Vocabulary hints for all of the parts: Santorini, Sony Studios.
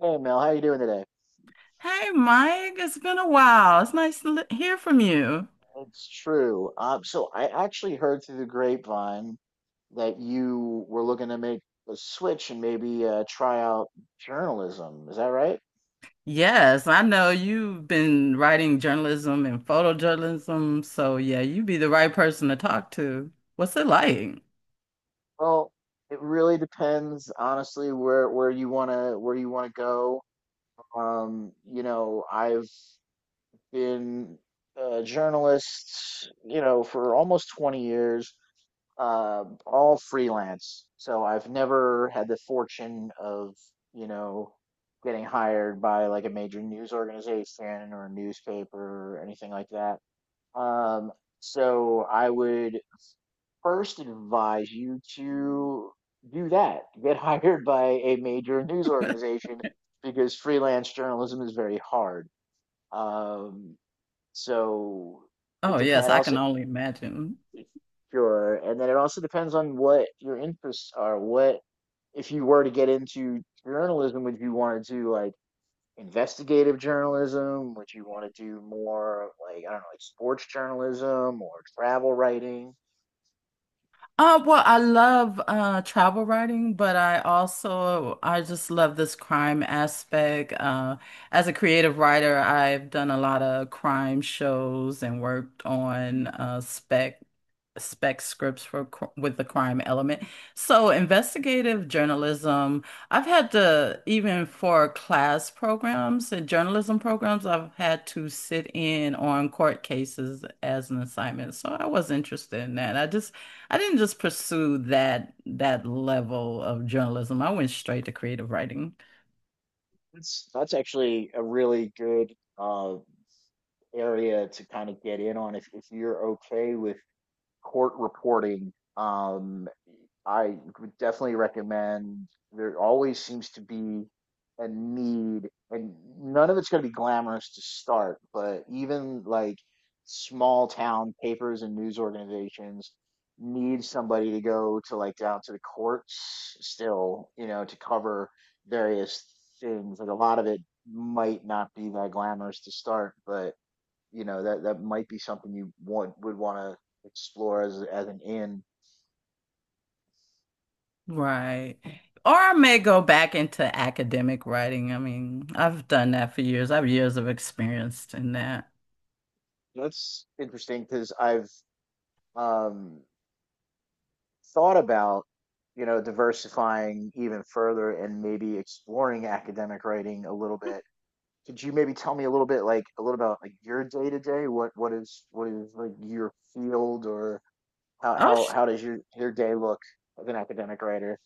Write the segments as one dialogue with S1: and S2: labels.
S1: Hey Mel, how you doing today?
S2: Hey, Mike, it's been a while. It's nice to hear from you.
S1: It's true. So I actually heard through the grapevine that you were looking to make a switch and maybe try out journalism. Is that right?
S2: Yes, I know you've been writing journalism and photojournalism, so yeah, you'd be the right person to talk to. What's it like?
S1: Well, it really depends, honestly, where you wanna go. I've been a journalist, for almost 20 years. All freelance. So I've never had the fortune of, you know, getting hired by like a major news organization or a newspaper or anything like that. Um, so I would first advise you to do that. Get hired by a major news organization because freelance journalism is very hard. Um, so it
S2: Oh, yes,
S1: depends.
S2: I can
S1: Also,
S2: only imagine.
S1: sure. And then it also depends on what your interests are. What, if you were to get into journalism, would you want to do like investigative journalism? Would you want to do more like, I don't know, like sports journalism or travel writing?
S2: Well, I love travel writing, but I just love this crime aspect. As a creative writer, I've done a lot of crime shows and worked on Spec scripts for with the crime element. So investigative journalism, I've had to, even for class programs and journalism programs, I've had to sit in on court cases as an assignment. So I was interested in that. I didn't just pursue that level of journalism. I went straight to creative writing.
S1: That's actually a really good area to kind of get in on if you're okay with court reporting. um, I would definitely recommend. There always seems to be a need, and none of it's going to be glamorous to start, but even like small town papers and news organizations need somebody to go to like down to the courts still, you know, to cover various things. Like a lot of it might not be that glamorous to start, but you know that might be something you want would want to explore as an in.
S2: Right. Or I may go back into academic writing. I mean, I've done that for years. I have years of experience in that.
S1: That's interesting because I've um, thought about you know diversifying even further and maybe exploring academic writing a little bit. Could you maybe tell me a little bit like a little about like your day to day? What is like your field or how
S2: Oh,
S1: how how does your day look as an academic writer?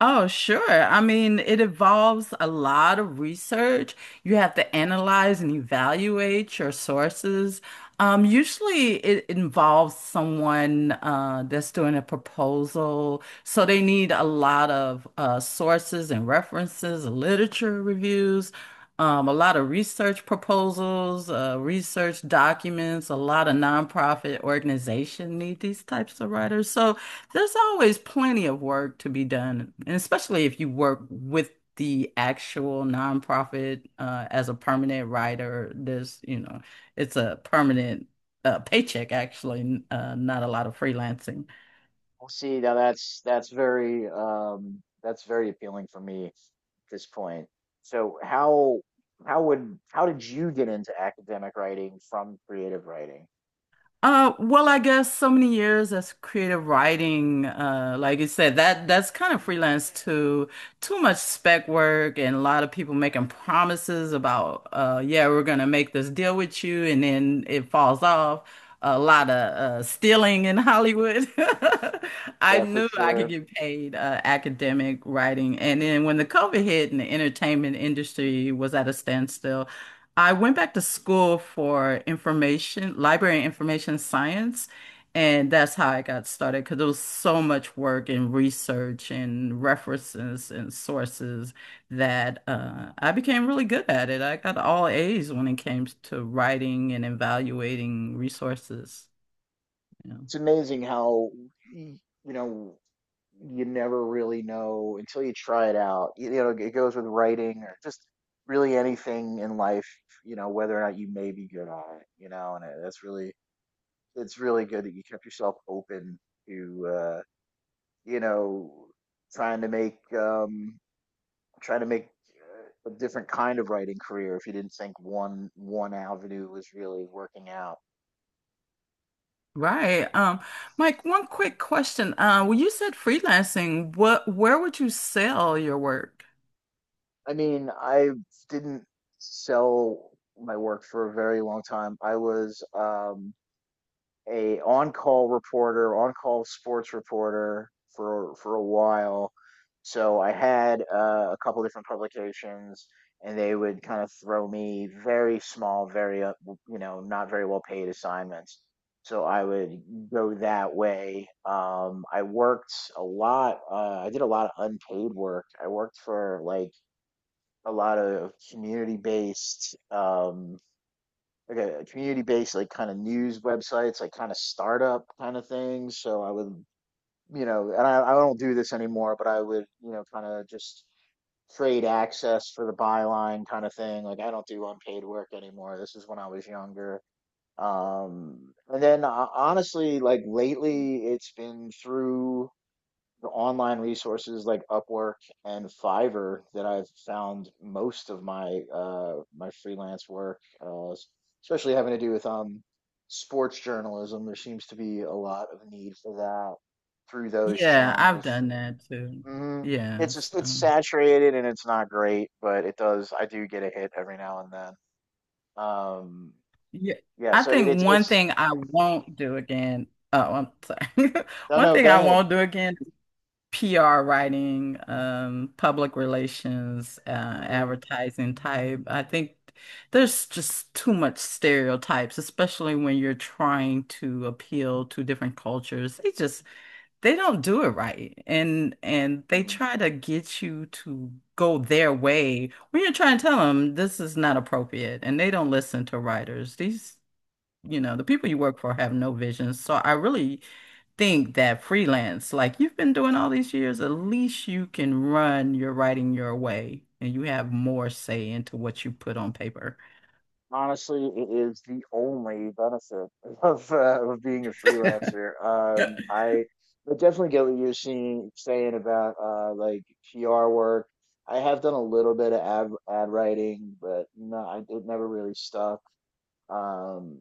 S2: Oh, sure. I mean, it involves a lot of research. You have to analyze and evaluate your sources. Usually, it involves someone that's doing a proposal. So they need a lot of sources and references, literature reviews, a lot of research proposals, research documents. A lot of nonprofit organizations need these types of writers. So, there's always plenty of work to be done, and especially if you work with the actual nonprofit as a permanent writer. It's a permanent paycheck actually, not a lot of freelancing.
S1: Well, see, now that's very that's very appealing for me at this point. So how did you get into academic writing from creative writing?
S2: Well, I guess so many years as creative writing, like you said, that that's kind of freelance too. Too much spec work and a lot of people making promises about, yeah, we're gonna make this deal with you, and then it falls off. A lot of stealing in Hollywood. I
S1: Yeah, for
S2: knew I could
S1: sure.
S2: get paid academic writing, and then when the COVID hit and the entertainment industry was at a standstill. I went back to school for information, library and information science, and that's how I got started because there was so much work and research and references and sources that I became really good at it. I got all A's when it came to writing and evaluating resources. Yeah.
S1: It's amazing how y- you know you never really know until you try it out. You know, it goes with writing or just really anything in life, you know, whether or not you may be good at it, you know, and that's really it's really good that you kept yourself open to you know, trying to make um, trying to make a different kind of writing career if you didn't think one avenue was really working out.
S2: Right. Mike, one quick question. When you said freelancing, where would you sell your work?
S1: I mean, I didn't sell my work for a very long time. I was a on-call reporter, on-call sports reporter for a while. So I had a couple different publications, and they would kind of throw me very small, very you know, not very well paid assignments. So I would go that way. I worked a lot. I did a lot of unpaid work. I worked for like a lot of community-based like a, community-based like kind of news websites, like kind of startup kind of things. So I would, you know, and I don't do this anymore, but I would, you know, kind of just trade access for the byline kind of thing. Like I don't do unpaid work anymore. This is when I was younger. And then Honestly, like lately, it's been through the online resources like Upwork and Fiverr that I've found most of my my freelance work, especially having to do with sports journalism. There seems to be a lot of need for that through those
S2: Yeah, I've
S1: channels.
S2: done that too.
S1: Hmm. It's
S2: Yes.
S1: just it's saturated and it's not great, but it does. I do get a hit every now and then. Um,
S2: Yeah.
S1: yeah,
S2: I
S1: so I mean, it's
S2: think one
S1: it's
S2: thing I won't do again. Oh, I'm sorry.
S1: no,
S2: One
S1: no.
S2: thing
S1: Go
S2: I
S1: ahead.
S2: won't do again is PR writing, public relations, advertising type. I think there's just too much stereotypes, especially when you're trying to appeal to different cultures. They don't do it right. And they
S1: Mhm.
S2: try to get you to go their way when you're trying to tell them this is not appropriate. And they don't listen to writers. The people you work for have no vision. So I really think that freelance, like you've been doing all these years, at least you can run your writing your way and you have more say into what you put on paper.
S1: Honestly, it is the only benefit of being a freelancer.
S2: Yep.
S1: I But definitely get what you're seeing saying about like PR work. I have done a little bit of ad writing, but no, I, it never really stuck. Um,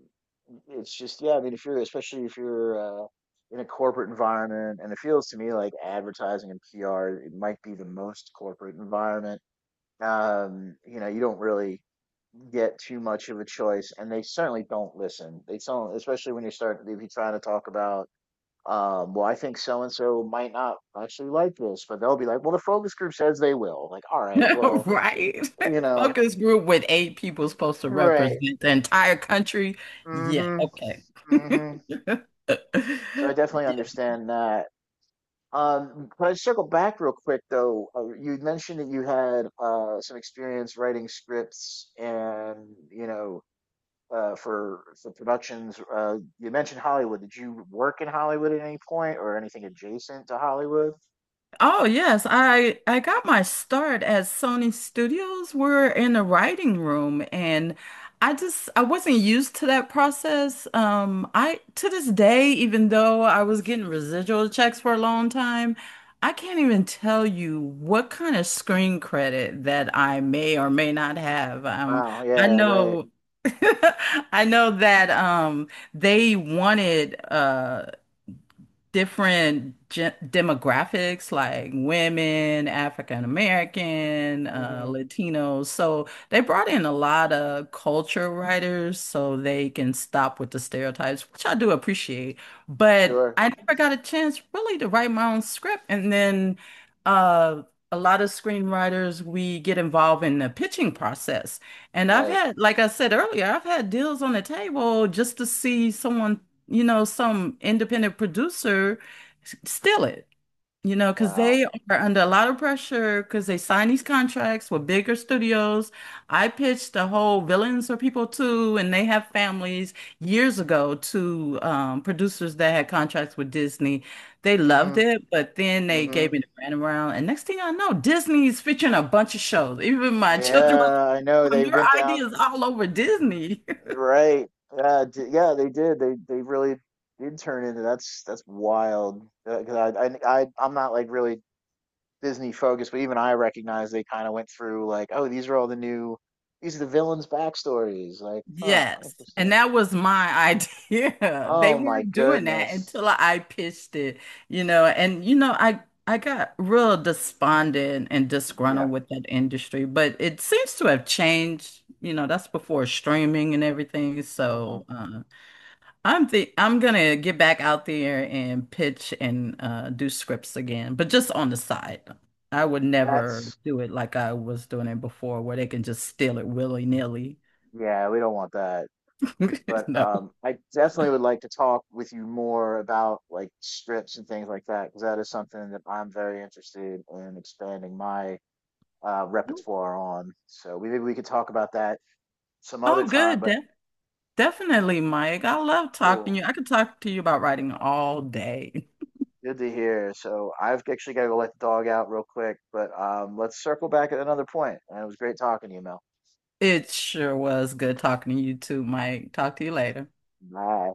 S1: it's just yeah, I mean, if you're especially if you're in a corporate environment, and it feels to me like advertising and PR, it might be the most corporate environment you know, you don't really get too much of a choice, and they certainly don't listen. They don't, especially when you start if you trying to talk about, well, I think so and so might not actually like this, but they'll be like, well, the focus group says they will. Like, all right, well,
S2: Right.
S1: you know,
S2: Focus group with eight people supposed to
S1: right,
S2: represent the entire country. Yeah,
S1: mm-hmm,
S2: okay.
S1: mm-hmm. So I definitely understand that. Can I circle back real quick though? You mentioned that you had some experience writing scripts and you know for productions. You mentioned Hollywood. Did you work in Hollywood at any point or anything adjacent to Hollywood?
S2: Oh yes, I got my start at Sony Studios. We're in the writing room and I wasn't used to that process. I to this day, even though I was getting residual checks for a long time, I can't even tell you what kind of screen credit that I may or may not have.
S1: Wow.
S2: I
S1: Yeah. Right.
S2: know. I know that they wanted different gen demographics like women, African American,
S1: Mm-hmm.
S2: Latinos. So they brought in a lot of culture writers so they can stop with the stereotypes, which I do appreciate. But
S1: Sure.
S2: I never got a chance really to write my own script. And then uh, a lot of screenwriters, we get involved in the pitching process. And I've
S1: Right.
S2: had, like I said earlier, I've had deals on the table just to see someone, some independent producer steal it, because
S1: Wow.
S2: they are under a lot of pressure because they sign these contracts with bigger studios. I pitched the whole Villains for People Too, and they have families years ago to producers that had contracts with Disney. They
S1: Mm-hmm.
S2: loved it, but then they
S1: Mm-hmm.
S2: gave me the runaround. And next thing I know, Disney's featuring a bunch of shows. Even my children
S1: Yeah. I know
S2: were like,
S1: they
S2: "Your
S1: went down.
S2: ideas all over Disney."
S1: Right. Yeah. D Yeah. They did. They really did turn into. That's wild. 'Cause I'm not like really Disney focused, but even I recognize they kind of went through like, oh, these are all the new, these are the villains' backstories. Like, huh,
S2: Yes. And
S1: interesting.
S2: that was my idea. They
S1: Oh my
S2: weren't doing that
S1: goodness.
S2: until I pitched it, and I got real despondent and disgruntled
S1: Yeah.
S2: with that industry, but it seems to have changed. That's before streaming and everything.
S1: Mm.
S2: So I'm gonna get back out there and pitch and do scripts again, but just on the side. I would never
S1: That's,
S2: do it like I was doing it before, where they can just steal it willy-nilly.
S1: yeah, we don't want that. But
S2: No.
S1: I definitely would like to talk with you more about like strips and things like that, because that is something that I'm very interested in expanding my repertoire on. So we, maybe we could talk about that some other
S2: Oh,
S1: time,
S2: good.
S1: but
S2: De definitely, Mike. I love talking to
S1: cool.
S2: you. I could talk to you about writing all day.
S1: Good to hear. So I've actually got to go let the dog out real quick, but let's circle back at another point. And it was great talking to you, Mel.
S2: It sure was good talking to you too, Mike. Talk to you later.
S1: Bye.